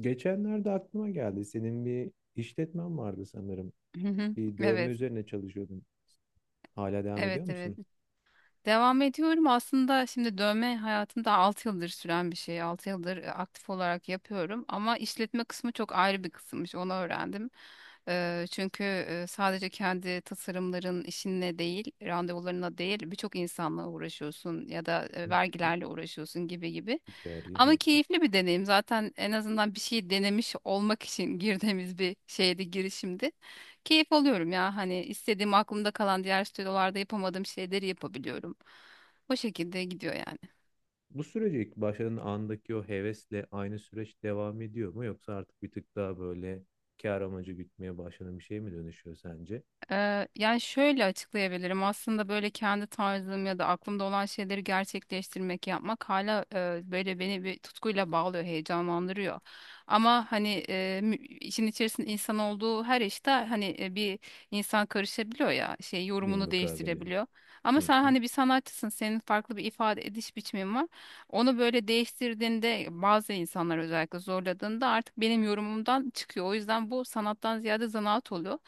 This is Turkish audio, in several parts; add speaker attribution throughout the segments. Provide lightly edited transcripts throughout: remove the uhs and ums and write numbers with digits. Speaker 1: Geçenlerde aklıma geldi. Senin bir işletmen vardı sanırım.
Speaker 2: Hı hı.
Speaker 1: Bir dövme
Speaker 2: Evet,
Speaker 1: üzerine çalışıyordun. Hala devam ediyor
Speaker 2: evet, evet.
Speaker 1: musun?
Speaker 2: Devam ediyorum. Aslında şimdi dövme hayatımda 6 yıldır süren bir şey. 6 yıldır aktif olarak yapıyorum. Ama işletme kısmı çok ayrı bir kısımmış. Onu öğrendim. Çünkü sadece kendi tasarımların işinle değil, randevularına değil, birçok insanla uğraşıyorsun ya da
Speaker 1: Hı hı.
Speaker 2: vergilerle uğraşıyorsun gibi gibi.
Speaker 1: Ticari.
Speaker 2: Ama
Speaker 1: Hı.
Speaker 2: keyifli bir deneyim. Zaten en azından bir şey denemiş olmak için girdiğimiz bir şeydi, girişimdi. Keyif alıyorum ya. Hani istediğim aklımda kalan diğer stüdyolarda yapamadığım şeyleri yapabiliyorum. O şekilde gidiyor yani.
Speaker 1: Bu sürece ilk başladığın andaki o hevesle aynı süreç devam ediyor mu? Yoksa artık bir tık daha böyle kar amacı gütmeye başlanan bir şey mi dönüşüyor sence?
Speaker 2: Yani şöyle açıklayabilirim. Aslında böyle kendi tarzım ya da aklımda olan şeyleri gerçekleştirmek, yapmak hala böyle beni bir tutkuyla bağlıyor, heyecanlandırıyor. Ama hani işin içerisinde insan olduğu her işte hani bir insan karışabiliyor ya, şey
Speaker 1: Bir
Speaker 2: yorumunu değiştirebiliyor.
Speaker 1: Hı
Speaker 2: Ama sen
Speaker 1: hı.
Speaker 2: hani bir sanatçısın, senin farklı bir ifade ediş biçimin var. Onu böyle değiştirdiğinde bazı insanlar özellikle zorladığında artık benim yorumumdan çıkıyor. O yüzden bu sanattan ziyade zanaat oluyor.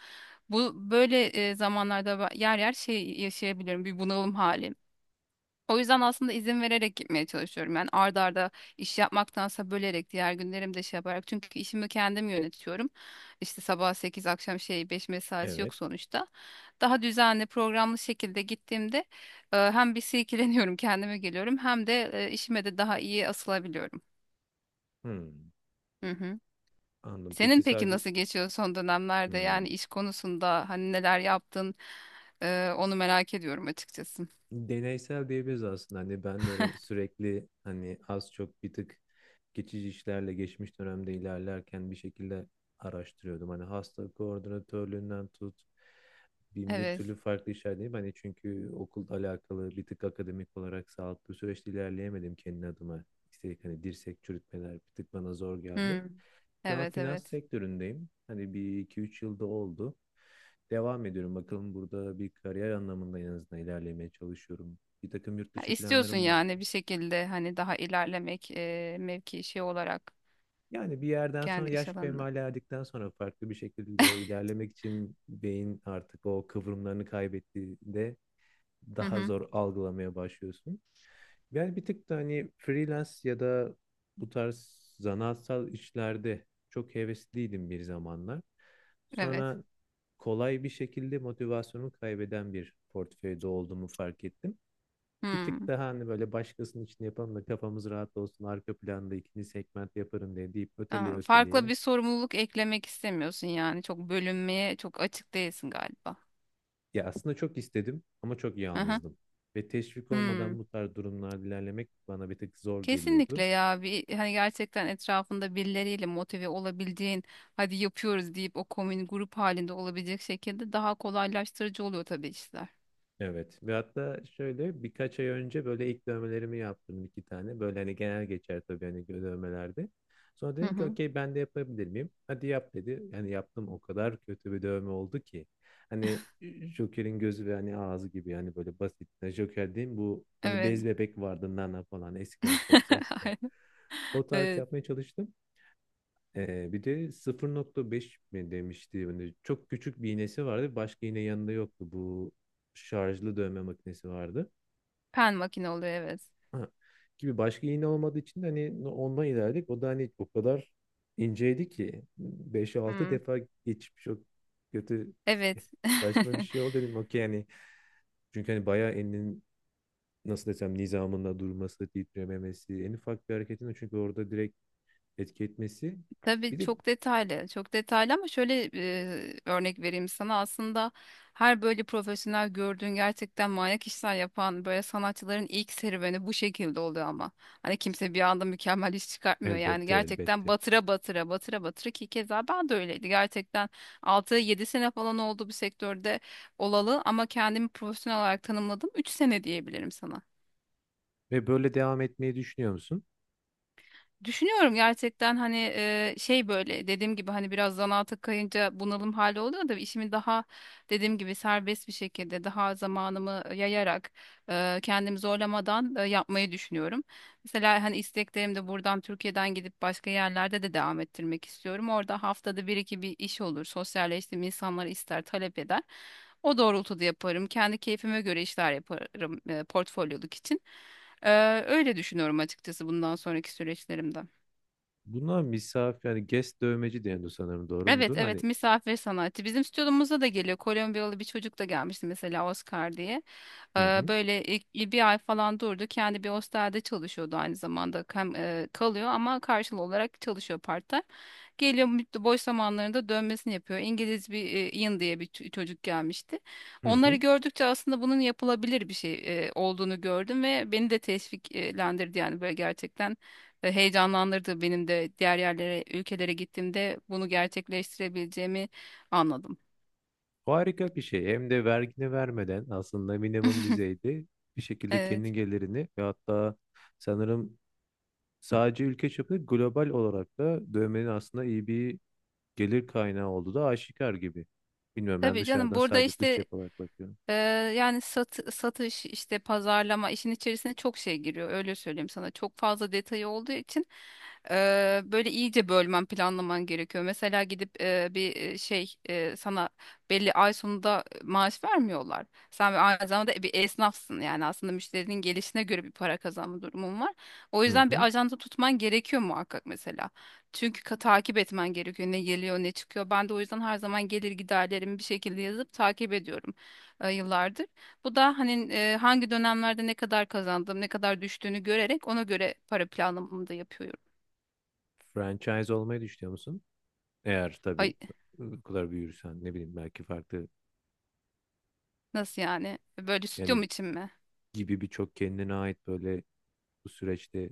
Speaker 2: Bu böyle zamanlarda yer yer şey yaşayabilirim, bir bunalım hali. O yüzden aslında izin vererek gitmeye çalışıyorum. Yani ard arda iş yapmaktansa bölerek diğer günlerimde şey yaparak. Çünkü işimi kendim yönetiyorum. İşte sabah 8 akşam 5 mesaisi
Speaker 1: Evet.
Speaker 2: yok sonuçta. Daha düzenli programlı şekilde gittiğimde hem bir silkeleniyorum, kendime geliyorum, hem de işime de daha iyi asılabiliyorum.
Speaker 1: Hı.
Speaker 2: Hı hı.
Speaker 1: Anladım.
Speaker 2: Senin
Speaker 1: Peki
Speaker 2: peki
Speaker 1: sadece
Speaker 2: nasıl geçiyor son dönemlerde,
Speaker 1: hı.
Speaker 2: yani iş konusunda hani neler yaptın? Onu merak ediyorum açıkçası.
Speaker 1: deneysel diyebiliriz aslında. Hani ben de sürekli hani az çok bir tık geçici işlerle geçmiş dönemde ilerlerken bir şekilde araştırıyordum. Hani hasta koordinatörlüğünden tut bin bir türlü
Speaker 2: Evet.
Speaker 1: farklı işler değil. Hani çünkü okulla alakalı bir tık akademik olarak sağlıklı süreçte ilerleyemedim kendi adıma. İstedik hani dirsek çürütmeler bir tık bana zor geldi.
Speaker 2: Hmm.
Speaker 1: Şu an
Speaker 2: Evet,
Speaker 1: finans
Speaker 2: evet.
Speaker 1: sektöründeyim. Hani bir iki üç yılda oldu. Devam ediyorum. Bakalım burada bir kariyer anlamında en azından ilerlemeye çalışıyorum. Bir takım yurt
Speaker 2: Ha,
Speaker 1: dışı
Speaker 2: istiyorsun
Speaker 1: planlarım vardı.
Speaker 2: yani bir şekilde hani daha ilerlemek mevki şey olarak
Speaker 1: Yani bir yerden sonra
Speaker 2: kendi iş
Speaker 1: yaş
Speaker 2: alanında.
Speaker 1: kemale erdikten sonra farklı bir şekilde ilerlemek için beyin artık o kıvrımlarını kaybettiğinde
Speaker 2: Hı
Speaker 1: daha
Speaker 2: hı.
Speaker 1: zor algılamaya başlıyorsun. Yani bir tık da hani freelance ya da bu tarz zanaatsal işlerde çok hevesliydim bir zamanlar.
Speaker 2: Evet.
Speaker 1: Sonra kolay bir şekilde motivasyonumu kaybeden bir portföyde olduğumu fark ettim. Bir tık
Speaker 2: Hmm.
Speaker 1: daha hani böyle başkasının için yapalım da kafamız rahat olsun arka planda ikinci segment yaparım diye deyip öteleye
Speaker 2: Aa, farklı
Speaker 1: öteleye.
Speaker 2: bir sorumluluk eklemek istemiyorsun yani, çok bölünmeye çok açık değilsin galiba.
Speaker 1: Ya aslında çok istedim ama çok
Speaker 2: Hı hı.
Speaker 1: yalnızdım. Ve teşvik
Speaker 2: Hmm.
Speaker 1: olmadan bu tarz durumlarda ilerlemek bana bir tık zor
Speaker 2: Kesinlikle
Speaker 1: geliyordu.
Speaker 2: ya, bir hani gerçekten etrafında birileriyle motive olabildiğin, hadi yapıyoruz deyip o komün grup halinde olabilecek şekilde daha kolaylaştırıcı oluyor tabii işler.
Speaker 1: Evet. Ve hatta şöyle birkaç ay önce böyle ilk dövmelerimi yaptım 2 tane. Böyle hani genel geçer tabii hani dövmelerde. Sonra
Speaker 2: Hı
Speaker 1: dedim ki
Speaker 2: hı.
Speaker 1: okey ben de yapabilir miyim? Hadi yap dedi. Hani yaptım o kadar kötü bir dövme oldu ki. Hani Joker'in gözü ve hani ağzı gibi yani böyle basit. Yani Joker değil bu hani bez
Speaker 2: Evet.
Speaker 1: bebek vardı Nana falan eskiden Fox'a çıkan.
Speaker 2: Aynen.
Speaker 1: O tarz
Speaker 2: Evet.
Speaker 1: yapmaya çalıştım. Bir de 0,5 mi demişti. Hani çok küçük bir iğnesi vardı. Başka iğne yanında yoktu. Bu şarjlı dövme makinesi vardı.
Speaker 2: Pen makine oluyor, evet.
Speaker 1: Ha. Gibi başka iğne olmadığı için de hani no, ondan ilerledik. O da hani o kadar inceydi ki beş altı
Speaker 2: Hmm.
Speaker 1: defa geçip çok kötü
Speaker 2: Evet.
Speaker 1: saçma bir şey oldu dedim. Okey yani. Çünkü hani bayağı elinin nasıl desem nizamında durması, titrememesi, en ufak bir hareketinde çünkü orada direkt etki etmesi.
Speaker 2: Tabii
Speaker 1: Bir de
Speaker 2: çok detaylı, çok detaylı ama şöyle örnek vereyim sana. Aslında her böyle profesyonel gördüğün gerçekten manyak işler yapan böyle sanatçıların ilk serüveni bu şekilde oluyor ama. Hani kimse bir anda mükemmel iş çıkartmıyor. Yani
Speaker 1: elbette
Speaker 2: gerçekten
Speaker 1: elbette.
Speaker 2: batıra batıra, batıra batıra ki keza ben de öyleydi. Gerçekten 6-7 sene falan oldu bu sektörde olalı, ama kendimi profesyonel olarak tanımladım. 3 sene diyebilirim sana.
Speaker 1: Ve böyle devam etmeyi düşünüyor musun?
Speaker 2: Düşünüyorum gerçekten, hani şey böyle dediğim gibi hani biraz zanaata kayınca bunalım hali oluyor da işimi daha dediğim gibi serbest bir şekilde, daha zamanımı yayarak, kendimi zorlamadan yapmayı düşünüyorum. Mesela hani isteklerim de buradan, Türkiye'den gidip başka yerlerde de devam ettirmek istiyorum. Orada haftada bir iki bir iş olur. Sosyalleştiğim insanlar ister, talep eder. O doğrultuda yaparım. Kendi keyfime göre işler yaparım portfolyoluk için. Öyle düşünüyorum açıkçası bundan sonraki süreçlerimde.
Speaker 1: Buna misafir yani guest dövmeci deniyor sanırım doğru
Speaker 2: Evet,
Speaker 1: mudur? Hani
Speaker 2: evet, misafir sanatçı. Bizim stüdyomuza da geliyor. Kolombiyalı bir çocuk da gelmişti mesela, Oscar diye.
Speaker 1: hı
Speaker 2: Eee,
Speaker 1: hı
Speaker 2: Böyle bir ay falan durdu. Kendi bir hostelde çalışıyordu aynı zamanda. Hem kalıyor ama karşılığı olarak çalışıyor part-time. Geliyor boş zamanlarında dönmesini yapıyor. İngiliz bir Ian diye bir çocuk gelmişti.
Speaker 1: hı
Speaker 2: Onları
Speaker 1: hı.
Speaker 2: gördükçe aslında bunun yapılabilir bir şey olduğunu gördüm ve beni de teşviklendirdi, yani böyle gerçekten heyecanlandırdı, benim de diğer yerlere, ülkelere gittiğimde bunu gerçekleştirebileceğimi anladım.
Speaker 1: Harika bir şey. Hem de vergini vermeden aslında minimum düzeyde bir şekilde kendi
Speaker 2: Evet.
Speaker 1: gelirini ve hatta sanırım sadece ülke çapında global olarak da dövmenin aslında iyi bir gelir kaynağı olduğu da aşikar gibi. Bilmiyorum ben
Speaker 2: Tabii canım,
Speaker 1: dışarıdan
Speaker 2: burada
Speaker 1: sadece dış
Speaker 2: işte,
Speaker 1: cep olarak bakıyorum.
Speaker 2: Ee, yani satış, işte pazarlama işin içerisine çok şey giriyor, öyle söyleyeyim sana, çok fazla detayı olduğu için böyle iyice bölmen, planlaman gerekiyor. Mesela gidip bir şey sana belli ay sonunda maaş vermiyorlar, sen bir aynı zamanda bir esnafsın yani. Aslında müşterinin gelişine göre bir para kazanma durumun var, o
Speaker 1: Hı
Speaker 2: yüzden bir
Speaker 1: hı.
Speaker 2: ajanda tutman gerekiyor muhakkak, mesela. Çünkü takip etmen gerekiyor, ne geliyor ne çıkıyor. Ben de o yüzden her zaman gelir giderlerimi bir şekilde yazıp takip ediyorum yıllardır. Bu da hani hangi dönemlerde ne kadar kazandım, ne kadar düştüğünü görerek ona göre para planlamamı da yapıyorum.
Speaker 1: Franchise olmayı düşünüyor musun? Eğer tabii
Speaker 2: Ay,
Speaker 1: bu kadar büyürsen ne bileyim belki farklı
Speaker 2: nasıl yani? Böyle
Speaker 1: yani
Speaker 2: stüdyom için mi?
Speaker 1: gibi birçok kendine ait böyle bu süreçte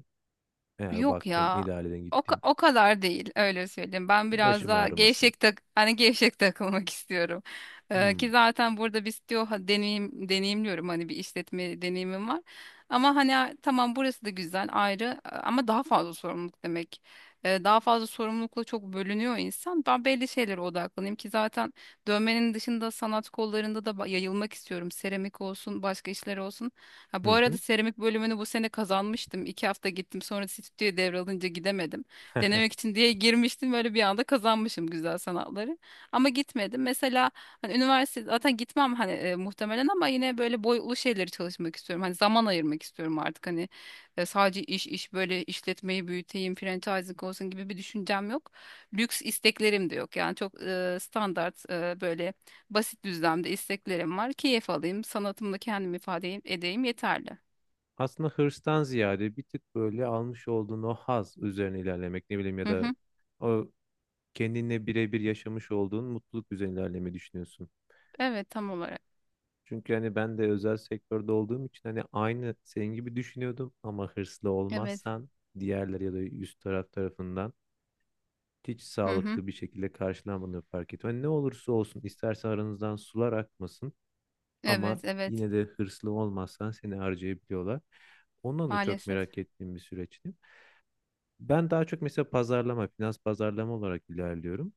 Speaker 1: eğer
Speaker 2: Yok
Speaker 1: baktın,
Speaker 2: ya.
Speaker 1: ilerledin,
Speaker 2: O, ka-
Speaker 1: gittin.
Speaker 2: o kadar değil, öyle söyleyeyim. Ben biraz
Speaker 1: Başım
Speaker 2: daha
Speaker 1: ağrımasın.
Speaker 2: gevşek, hani gevşek takılmak istiyorum. Ki
Speaker 1: Hmm.
Speaker 2: zaten burada biz diyor, ha, deneyimliyorum, hani bir işletme deneyimim var. Ama hani, tamam, burası da güzel ayrı, ama daha fazla sorumluluk demek. Daha fazla sorumlulukla çok bölünüyor insan. Ben belli şeylere odaklanayım, ki zaten dövmenin dışında sanat kollarında da yayılmak istiyorum. Seramik olsun, başka işler olsun. Ha, bu
Speaker 1: Hı
Speaker 2: arada
Speaker 1: hı.
Speaker 2: seramik bölümünü bu sene kazanmıştım. 2 hafta gittim, sonra stüdyo devralınca gidemedim. Denemek için diye girmiştim, böyle bir anda kazanmışım güzel sanatları. Ama gitmedim. Mesela hani üniversite zaten gitmem hani, muhtemelen, ama yine böyle boyutlu şeyleri çalışmak istiyorum. Hani zaman ayırmak istiyorum artık, hani sadece iş iş böyle işletmeyi büyüteyim, franchising olsun gibi bir düşüncem yok. Lüks isteklerim de yok. Yani çok standart, böyle basit düzlemde isteklerim var. Keyif alayım, sanatımla kendimi ifade edeyim, yeterli.
Speaker 1: Aslında hırstan ziyade bir tık böyle almış olduğun o haz üzerine ilerlemek ne bileyim ya
Speaker 2: Hı
Speaker 1: da
Speaker 2: hı.
Speaker 1: o kendinle birebir yaşamış olduğun mutluluk üzerine ilerlemeyi düşünüyorsun.
Speaker 2: Evet, tam olarak.
Speaker 1: Çünkü hani ben de özel sektörde olduğum için hani aynı senin gibi düşünüyordum ama hırslı
Speaker 2: Evet.
Speaker 1: olmazsan diğerleri ya da üst taraf tarafından hiç
Speaker 2: Hı hı.
Speaker 1: sağlıklı bir şekilde karşılanmadığını fark ettim. Hani ne olursa olsun istersen aranızdan sular akmasın. Ama
Speaker 2: Evet, evet.
Speaker 1: yine de hırslı olmazsan seni harcayabiliyorlar. Ondan da çok
Speaker 2: Maalesef.
Speaker 1: merak ettiğim bir süreçti. Ben daha çok mesela pazarlama, finans pazarlama olarak ilerliyorum.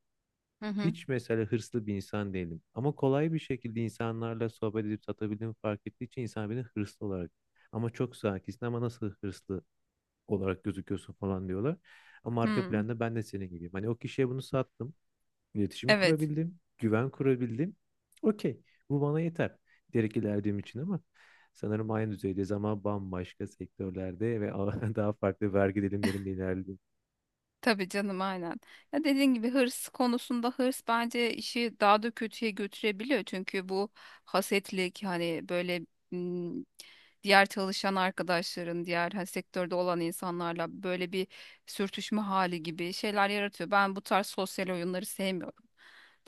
Speaker 2: Hı hı.
Speaker 1: Hiç mesela hırslı bir insan değilim. Ama kolay bir şekilde insanlarla sohbet edip satabildiğimi fark ettiği için insan beni hırslı olarak ama çok sakinsin ama nasıl hırslı olarak gözüküyorsun falan diyorlar. Ama arka
Speaker 2: Hı.
Speaker 1: planda ben de senin gibiyim. Hani o kişiye bunu sattım. İletişim
Speaker 2: Evet.
Speaker 1: kurabildim, güven kurabildim. Okey, bu bana yeter diyerek ilerlediğim için ama sanırım aynı düzeydeyiz ama bambaşka sektörlerde ve daha farklı vergi dilimlerinde ilerledim.
Speaker 2: Tabii canım, aynen. Ya, dediğin gibi hırs konusunda, hırs bence işi daha da kötüye götürebiliyor. Çünkü bu hasetlik hani böyle, ım, diğer çalışan arkadaşların, diğer hani sektörde olan insanlarla böyle bir sürtüşme hali gibi şeyler yaratıyor. Ben bu tarz sosyal oyunları sevmiyorum.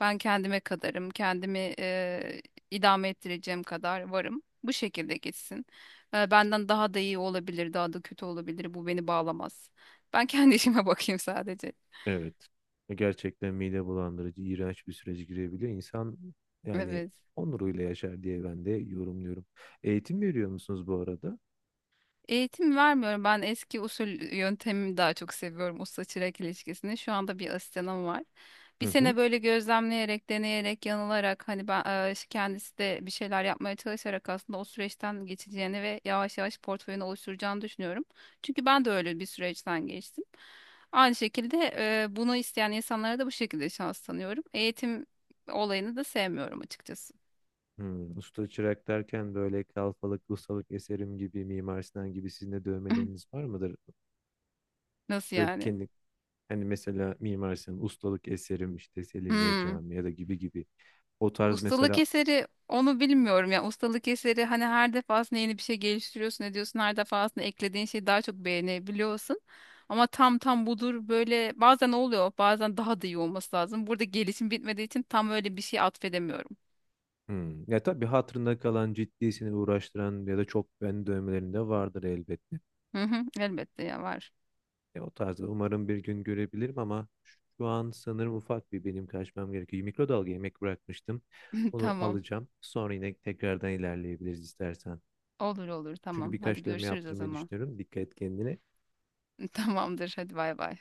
Speaker 2: Ben kendime kadarım, kendimi idame ettireceğim kadar varım. Bu şekilde geçsin. Benden daha da iyi olabilir, daha da kötü olabilir. Bu beni bağlamaz. Ben kendi işime bakayım sadece.
Speaker 1: Evet, gerçekten mide bulandırıcı, iğrenç bir sürece girebiliyor. İnsan yani
Speaker 2: Evet.
Speaker 1: onuruyla yaşar diye ben de yorumluyorum. Eğitim veriyor musunuz bu arada?
Speaker 2: Eğitim vermiyorum. Ben eski usul yöntemimi daha çok seviyorum. Usta çırak ilişkisini. Şu anda bir asistanım var. Bir
Speaker 1: Hı hı.
Speaker 2: sene böyle gözlemleyerek, deneyerek, yanılarak, hani ben kendisi de bir şeyler yapmaya çalışarak aslında o süreçten geçeceğini ve yavaş yavaş portföyünü oluşturacağını düşünüyorum. Çünkü ben de öyle bir süreçten geçtim. Aynı şekilde bunu isteyen insanlara da bu şekilde şans tanıyorum. Eğitim olayını da sevmiyorum açıkçası.
Speaker 1: Usta çırak derken böyle kalfalık, ustalık eserim gibi, Mimar Sinan gibi sizin de dövmeleriniz var mıdır?
Speaker 2: Nasıl
Speaker 1: Böyle
Speaker 2: yani?
Speaker 1: kendi Hani mesela Mimar Sinan'ın ustalık eserim işte Selimiye
Speaker 2: Hmm.
Speaker 1: Camii ya da gibi gibi. O tarz
Speaker 2: Ustalık
Speaker 1: mesela.
Speaker 2: eseri, onu bilmiyorum ya. Ustalık eseri hani her defasında yeni bir şey geliştiriyorsun, ediyorsun. Her defasında eklediğin şeyi daha çok beğenebiliyorsun. Ama tam tam budur böyle, bazen oluyor, bazen daha da iyi olması lazım. Burada gelişim bitmediği için tam öyle bir şey atfedemiyorum.
Speaker 1: Ya tabii hatırında kalan ciddi seni uğraştıran ya da çok beğeni dövmelerinde vardır elbette.
Speaker 2: Hı hı, elbette ya, var.
Speaker 1: O tarzda umarım bir gün görebilirim ama şu an sanırım ufak bir benim kaçmam gerekiyor. Mikrodalga yemek bırakmıştım. Onu
Speaker 2: Tamam,
Speaker 1: alacağım. Sonra yine tekrardan ilerleyebiliriz istersen.
Speaker 2: olur olur,
Speaker 1: Çünkü
Speaker 2: tamam. Hadi
Speaker 1: birkaç dövme
Speaker 2: görüşürüz o
Speaker 1: yaptırmayı
Speaker 2: zaman.
Speaker 1: düşünüyorum. Dikkat et kendine.
Speaker 2: Tamamdır, hadi, bay bay.